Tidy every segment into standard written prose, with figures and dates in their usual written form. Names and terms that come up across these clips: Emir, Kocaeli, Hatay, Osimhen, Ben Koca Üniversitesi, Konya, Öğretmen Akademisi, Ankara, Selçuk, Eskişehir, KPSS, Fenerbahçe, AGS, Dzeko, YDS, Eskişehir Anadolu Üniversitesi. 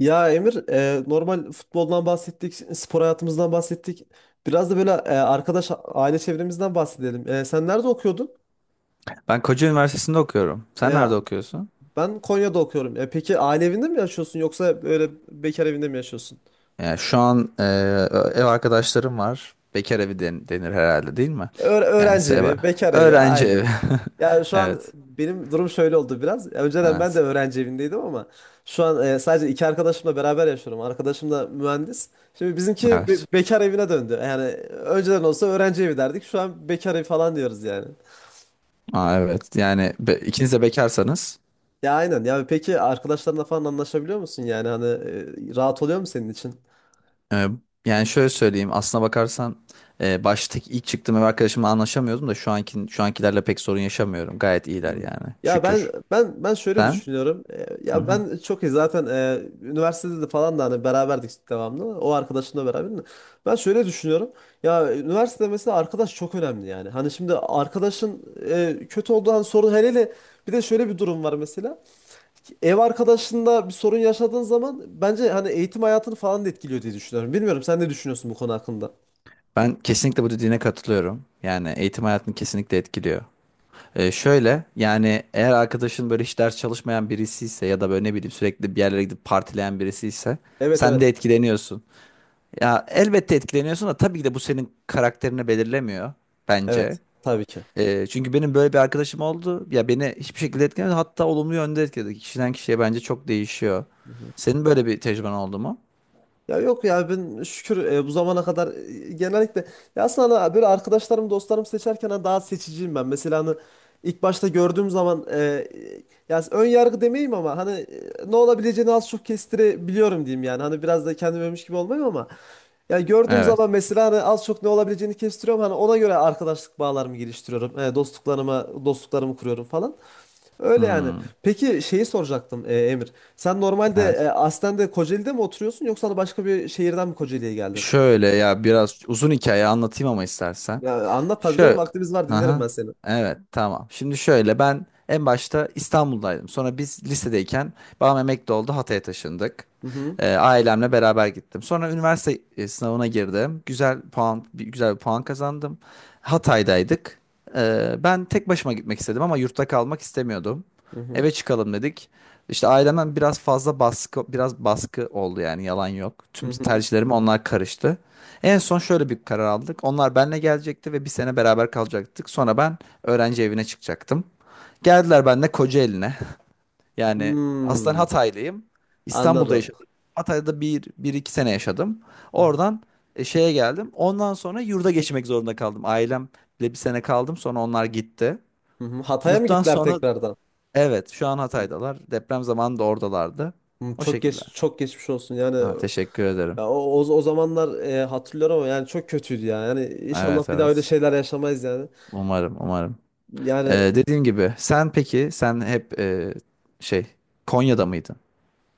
Ya Emir, normal futboldan bahsettik, spor hayatımızdan bahsettik. Biraz da böyle arkadaş, aile çevremizden bahsedelim. Sen nerede okuyordun? Ben Koca Üniversitesi'nde okuyorum. Sen E, nerede okuyorsun? Ben Konya'da okuyorum. Peki aile evinde mi yaşıyorsun yoksa böyle bekar evinde mi yaşıyorsun? Yani şu an ev arkadaşlarım var. Bekar evi denir herhalde değil mi? Yani Öğrenci ev. evi, bekar evi Öğrenci evi. aynen. Ya şu an Evet. benim durum şöyle oldu biraz. Ya önceden ben de Evet. öğrenci evindeydim ama şu an sadece iki arkadaşımla beraber yaşıyorum. Arkadaşım da mühendis. Şimdi bizimki Evet. bekar evine döndü. Yani önceden olsa öğrenci evi derdik. Şu an bekar evi falan diyoruz yani. Aa, evet. Yani ikiniz de bekarsanız. Ya aynen. Ya peki arkadaşlarınla falan anlaşabiliyor musun yani? Hani rahat oluyor mu senin için? e, Yani şöyle söyleyeyim. Aslına bakarsan baştaki ilk çıktığım ev arkadaşımla anlaşamıyordum da şu ankilerle pek sorun yaşamıyorum. Gayet iyiler Hmm. yani. Ya ben Şükür. ben ben şöyle Sen? düşünüyorum. Hı Ya hı. ben çok iyi zaten üniversitede de falan da hani beraberdik devamlı. O arkadaşımla beraber. De. Ben şöyle düşünüyorum. Ya üniversitede mesela arkadaş çok önemli yani. Hani şimdi arkadaşın kötü olduğu an sorun hele hele bir de şöyle bir durum var mesela. Ev arkadaşında bir sorun yaşadığın zaman bence hani eğitim hayatını falan da etkiliyor diye düşünüyorum. Bilmiyorum sen ne düşünüyorsun bu konu hakkında? Ben kesinlikle bu dediğine katılıyorum. Yani eğitim hayatını kesinlikle etkiliyor. Şöyle, yani eğer arkadaşın böyle hiç ders çalışmayan birisi ise ya da böyle ne bileyim sürekli bir yerlere gidip partileyen birisi ise Evet sen evet. de etkileniyorsun. Ya elbette etkileniyorsun da tabii ki de bu senin karakterini belirlemiyor Evet. bence. Tabii ki. Çünkü benim böyle bir arkadaşım oldu. Ya beni hiçbir şekilde etkilemedi. Hatta olumlu yönde etkiledi. Kişiden kişiye bence çok değişiyor. Senin böyle bir tecrüben oldu mu? Ya yok ya ben şükür bu zamana kadar genellikle ya aslında hani böyle arkadaşlarım dostlarım seçerken hani daha seçiciyim ben. Mesela hani ilk başta gördüğüm zaman ya ön yargı demeyeyim ama hani ne olabileceğini az çok kestirebiliyorum diyeyim yani. Hani biraz da kendimmiş gibi olmayayım ama ya gördüğüm Evet. zaman mesela hani az çok ne olabileceğini kestiriyorum. Hani ona göre arkadaşlık bağlarımı geliştiriyorum. Dostluklarımı kuruyorum falan. Öyle yani. Hmm, Peki şeyi soracaktım Emir. Sen normalde evet. aslen de Kocaeli'de mi oturuyorsun yoksa da başka bir şehirden mi Kocaeli'ye geldin? Şöyle, ya biraz uzun hikaye anlatayım ama istersen. Ya anlat tabii canım Şöyle. vaktimiz var dinlerim Aha. ben seni. Evet, tamam. Şimdi şöyle, ben en başta İstanbul'daydım. Sonra biz lisedeyken babam emekli oldu. Hatay'a taşındık. Hı hı. Ailemle beraber gittim. Sonra üniversite sınavına girdim. Güzel bir puan kazandım. Hatay'daydık. Ben tek başıma gitmek istedim ama yurtta kalmak istemiyordum. Hı hı. Eve çıkalım dedik. İşte ailemden biraz fazla baskı, biraz baskı oldu yani, yalan yok. Hı Tüm hı. tercihlerime onlar karıştı. En son şöyle bir karar aldık. Onlar benle gelecekti ve bir sene beraber kalacaktık. Sonra ben öğrenci evine çıkacaktım. Geldiler benle Kocaeli'ne. Yani aslen Hmm, Hataylıyım. İstanbul'da anladım. yaşadım. Hatay'da bir iki sene yaşadım. Hı hı. Oradan şeye geldim. Ondan sonra yurda geçmek zorunda kaldım. Ailemle bir sene kaldım. Sonra onlar gitti. Hı hı. Hatay'a mı Yurttan gittiler sonra tekrardan? evet, şu an Hatay'dalar. Deprem zamanı da oradalardı. Hmm, O şekilde. Çok geçmiş olsun yani Ha, teşekkür ederim. ya o zamanlar hatırlıyorum ama yani çok kötüydü ya yani inşallah Evet, bir daha öyle evet. şeyler yaşamayız yani. Umarım, umarım. yani Dediğim gibi, peki sen hep şey Konya'da mıydın?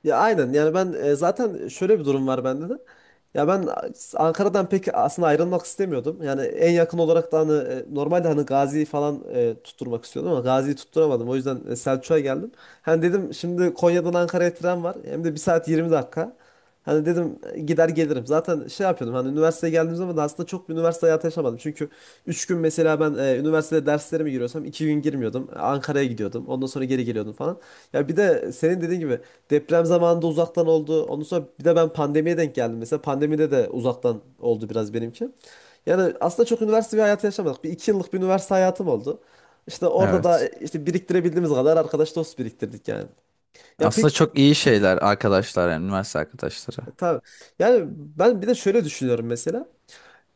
Ya aynen yani ben zaten şöyle bir durum var bende de. Ya ben Ankara'dan pek aslında ayrılmak istemiyordum. Yani en yakın olarak da hani normalde hani Gazi'yi falan tutturmak istiyordum ama Gazi'yi tutturamadım. O yüzden Selçuk'a geldim. Hani dedim şimdi Konya'dan Ankara'ya tren var. Hem de 1 saat 20 dakika. Hani dedim gider gelirim. Zaten şey yapıyordum hani üniversiteye geldiğim zaman da aslında çok bir üniversite hayatı yaşamadım. Çünkü 3 gün mesela ben üniversitede derslerime giriyorsam 2 gün girmiyordum. Ankara'ya gidiyordum. Ondan sonra geri geliyordum falan. Ya bir de senin dediğin gibi deprem zamanında uzaktan oldu. Ondan sonra bir de ben pandemiye denk geldim. Mesela pandemide de uzaktan oldu biraz benimki. Yani aslında çok üniversite bir hayatı yaşamadık. Bir 2 yıllık bir üniversite hayatım oldu. İşte orada da Evet. İşte biriktirebildiğimiz kadar arkadaş dost biriktirdik yani. Ya pek Aslında çok iyi şeyler arkadaşlar, yani üniversite arkadaşları. tabii. Yani ben bir de şöyle düşünüyorum mesela.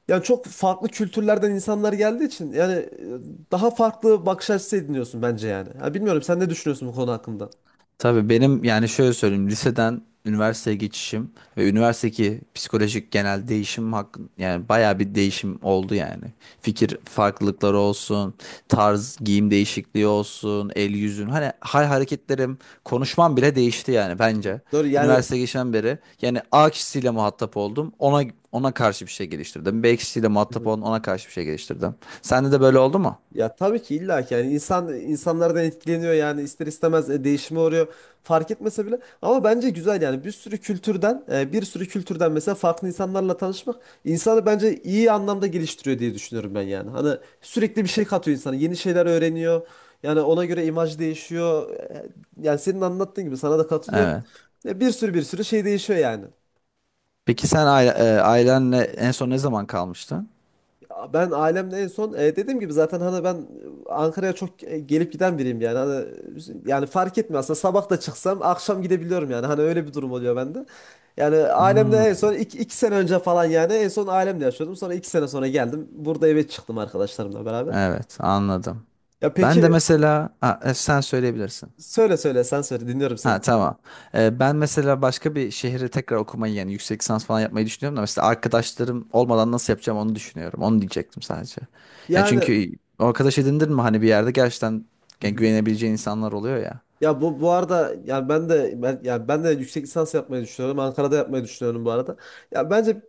Yani çok farklı kültürlerden insanlar geldiği için yani daha farklı bakış açısı ediniyorsun bence yani. Ha, bilmiyorum sen ne düşünüyorsun bu konu hakkında? Tabii benim, yani şöyle söyleyeyim, liseden üniversiteye geçişim ve üniversitedeki psikolojik genel değişim hakkın, yani bayağı bir değişim oldu yani. Fikir farklılıkları olsun, tarz giyim değişikliği olsun, el yüzün, hani hal hareketlerim, konuşmam bile değişti yani Evet. bence. Doğru yani. Üniversiteye geçen beri yani A kişisiyle muhatap oldum. Ona karşı bir şey geliştirdim. B kişisiyle muhatap oldum. Ona karşı bir şey geliştirdim. Sende de böyle oldu mu? Ya tabii ki illa ki yani insan insanlardan etkileniyor yani ister istemez değişime uğruyor fark etmese bile ama bence güzel yani bir sürü kültürden mesela farklı insanlarla tanışmak insanı bence iyi anlamda geliştiriyor diye düşünüyorum ben yani. Hani sürekli bir şey katıyor insana yeni şeyler öğreniyor yani ona göre imaj değişiyor. Yani senin anlattığın gibi sana da katılıyorum. Evet. Bir sürü şey değişiyor yani. Peki sen ailenle en son ne zaman kalmıştın? Ben ailemle en son dediğim gibi zaten hani ben Ankara'ya çok gelip giden biriyim yani. Hani, yani fark etmiyor aslında sabah da çıksam akşam gidebiliyorum yani. Hani öyle bir durum oluyor bende. Yani ailemle en Hmm. son iki sene önce falan yani en son ailemle yaşıyordum. Sonra 2 sene sonra geldim. Burada eve çıktım arkadaşlarımla beraber. Evet, anladım. Ya Ben de peki mesela ha, sen söyleyebilirsin. söyle söyle sen söyle dinliyorum seni. Ha, tamam. Ben mesela başka bir şehre tekrar okumayı, yani yüksek lisans falan yapmayı düşünüyorum da mesela arkadaşlarım olmadan nasıl yapacağım onu düşünüyorum. Onu diyecektim sadece. Yani Yani çünkü o arkadaş edindin mi hani bir yerde gerçekten, yani güvenebileceğin insanlar oluyor ya. Ya bu arada yani ben de yüksek lisans yapmayı düşünüyorum. Ankara'da yapmayı düşünüyorum bu arada. Ya bence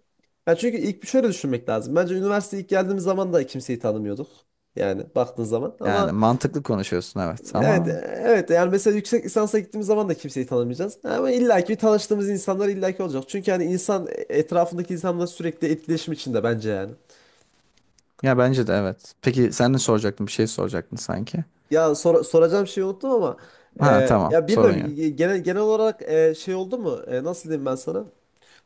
ya çünkü ilk bir şöyle düşünmek lazım. Bence üniversiteye ilk geldiğimiz zaman da kimseyi tanımıyorduk. Yani baktığın zaman Yani ama mantıklı konuşuyorsun, evet evet ama evet yani mesela yüksek lisansa gittiğimiz zaman da kimseyi tanımayacağız. Ama illaki tanıştığımız insanlar illaki olacak. Çünkü hani insan etrafındaki insanla sürekli etkileşim içinde bence yani. ya bence de evet. Peki sen ne soracaktın? Bir şey soracaktın sanki. Ya soracağım şeyi unuttum ama Ha, tamam, ya sorun yok. bilmiyorum genel olarak şey oldu mu? Nasıl diyeyim ben sana?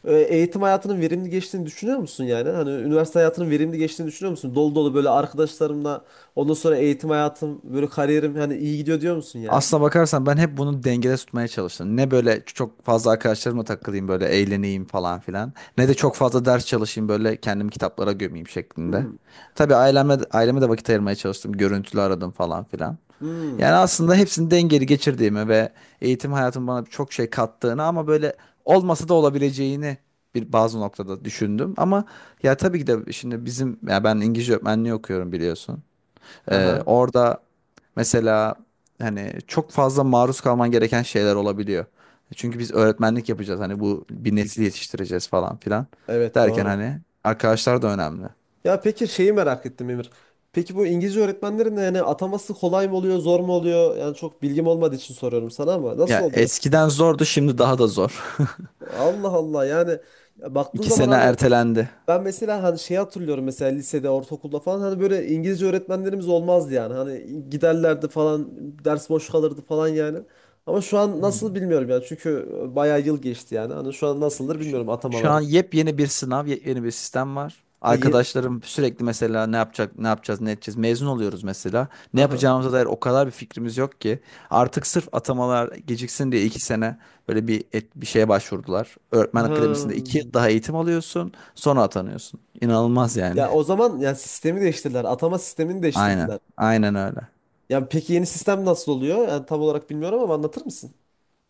Eğitim hayatının verimli geçtiğini düşünüyor musun yani? Hani üniversite hayatının verimli geçtiğini düşünüyor musun? Dolu dolu böyle arkadaşlarımla ondan sonra eğitim hayatım böyle kariyerim hani iyi gidiyor diyor musun yani? Aslına bakarsan ben hep bunu dengede tutmaya çalıştım. Ne böyle çok fazla arkadaşlarıma takılayım böyle eğleneyim falan filan. Ne de çok fazla ders çalışayım böyle kendimi kitaplara gömeyim şeklinde. Hmm. Tabii aileme de vakit ayırmaya çalıştım. Görüntülü aradım falan filan. Hmm. Yani aslında hepsini dengeli geçirdiğimi ve eğitim hayatım bana çok şey kattığını ama böyle olmasa da olabileceğini bir bazı noktada düşündüm. Ama ya tabii ki de şimdi bizim, ya ben İngilizce öğretmenliği okuyorum, biliyorsun. Haha. Orada mesela hani çok fazla maruz kalman gereken şeyler olabiliyor. Çünkü biz öğretmenlik yapacağız, hani bu bir nesil yetiştireceğiz falan filan Evet derken doğru. hani arkadaşlar da önemli. Ya peki şeyi merak ettim Emir. Peki bu İngilizce öğretmenlerin de yani ataması kolay mı oluyor, zor mu oluyor? Yani çok bilgim olmadığı için soruyorum sana ama nasıl Ya oluyor? eskiden zordu, şimdi daha da zor. Allah Allah yani. Ya baktığın İki zaman sene hani ertelendi. ben mesela hani şey hatırlıyorum mesela lisede, ortaokulda falan hani böyle İngilizce öğretmenlerimiz olmazdı yani. Hani giderlerdi falan, ders boş kalırdı falan yani. Ama şu an Hı. nasıl bilmiyorum yani. Çünkü bayağı yıl geçti yani. Hani şu an nasıldır Şu bilmiyorum şu atamaları. an yepyeni bir sınav, yepyeni bir sistem var. Ha, Arkadaşlarım sürekli mesela, ne yapacak, ne yapacağız, ne edeceğiz. Mezun oluyoruz mesela. Ne Aha. yapacağımıza dair o kadar bir fikrimiz yok ki. Artık sırf atamalar geciksin diye 2 sene böyle bir bir şeye başvurdular. Öğretmen Ha. Akademisi'nde 2 yıl daha eğitim alıyorsun, sonra atanıyorsun. İnanılmaz yani. Ya o zaman yani sistemi değiştirdiler. Atama sistemini Aynen, değiştirdiler. aynen öyle. Yani peki yeni sistem nasıl oluyor? Yani tam olarak bilmiyorum ama anlatır mısın?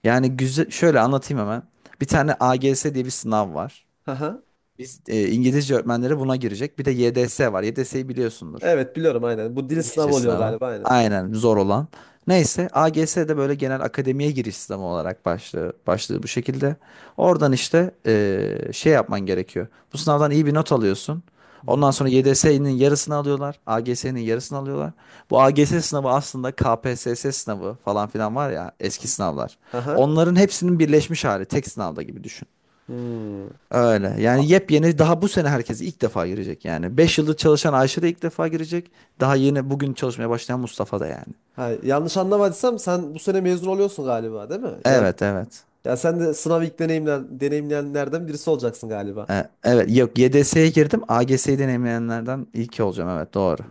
Yani güzel, şöyle anlatayım hemen. Bir tane AGS diye bir sınav var. Aha. Biz İngilizce öğretmenleri buna girecek. Bir de YDS var. YDS'yi biliyorsundur. Evet biliyorum aynen. Bu dil sınavı İngilizce oluyor sınavı. galiba aynen. Aynen, zor olan. Neyse AGS de böyle genel akademiye giriş sınavı olarak başlığı bu şekilde. Oradan işte şey yapman gerekiyor. Bu sınavdan iyi bir not alıyorsun. Hı Ondan hı. sonra YDS'nin yarısını alıyorlar. AGS'nin yarısını alıyorlar. Bu AGS sınavı aslında KPSS sınavı falan filan var ya, eski sınavlar. Aha. Onların hepsinin birleşmiş hali tek sınavda gibi düşün. Hmm. Öyle. Yani yepyeni, daha bu sene herkes ilk defa girecek yani. 5 yıldır çalışan Ayşe de ilk defa girecek. Daha yeni bugün çalışmaya başlayan Mustafa da yani. Ha, yanlış anlamadıysam sen bu sene mezun oluyorsun galiba değil mi? Yani, Evet, evet. ya sen de sınav ilk deneyimleyenlerden birisi olacaksın galiba. Evet, yok, YDS'ye girdim. AGS'yi deneyimleyenlerden ilki olacağım, evet, doğru.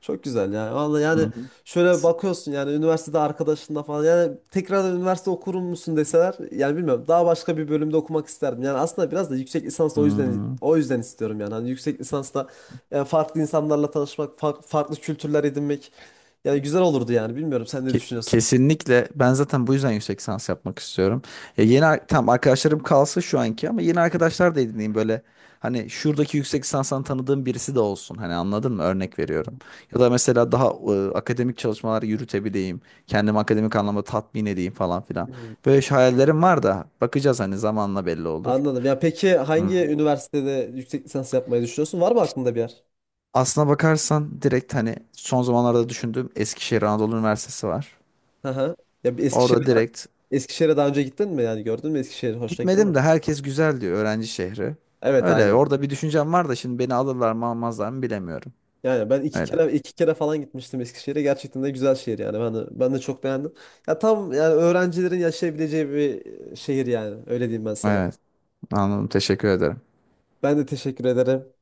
Çok güzel ya. Vallahi Hı yani hı. şöyle bakıyorsun yani üniversitede arkadaşınla falan yani tekrar üniversite okur musun deseler yani bilmiyorum daha başka bir bölümde okumak isterdim. Yani aslında biraz da yüksek lisans o yüzden Hmm. o yüzden istiyorum yani. Hani yüksek lisansta yani farklı insanlarla tanışmak, farklı kültürler edinmek yani güzel olurdu yani. Bilmiyorum sen ne düşünüyorsun? Kesinlikle ben zaten bu yüzden yüksek lisans yapmak istiyorum. Ya yeni tam arkadaşlarım kalsın şu anki, ama yeni arkadaşlar da edineyim böyle. Hani şuradaki yüksek lisanstan tanıdığım birisi de olsun. Hani anladın mı? Örnek veriyorum. Ya da mesela daha akademik çalışmalar yürütebileyim. Kendimi akademik anlamda tatmin edeyim falan filan. Hmm. Böyle şey hayallerim var da, bakacağız, hani zamanla belli olur. Anladım. Ya peki Hmm. hangi üniversitede yüksek lisans yapmayı düşünüyorsun? Var mı aklında bir yer? Aslına bakarsan direkt hani son zamanlarda düşündüğüm Eskişehir Anadolu Üniversitesi var. Hı hı. Ya bir Orada Eskişehir'e direkt. Eskişehir'e daha önce gittin mi? Yani gördün mü Eskişehir? Hoşuna gitti mi? Gitmedim de herkes güzel diyor, öğrenci şehri. Evet Öyle, aynen. orada bir düşüncem var da şimdi beni alırlar mı, almazlar mı bilemiyorum. Yani ben iki Öyle. kere iki kere falan gitmiştim Eskişehir'e. Gerçekten de güzel şehir yani. Ben de çok beğendim. Ya tam yani öğrencilerin yaşayabileceği bir şehir yani. Öyle diyeyim ben sana. Evet, anladım, teşekkür ederim. Ben de teşekkür ederim.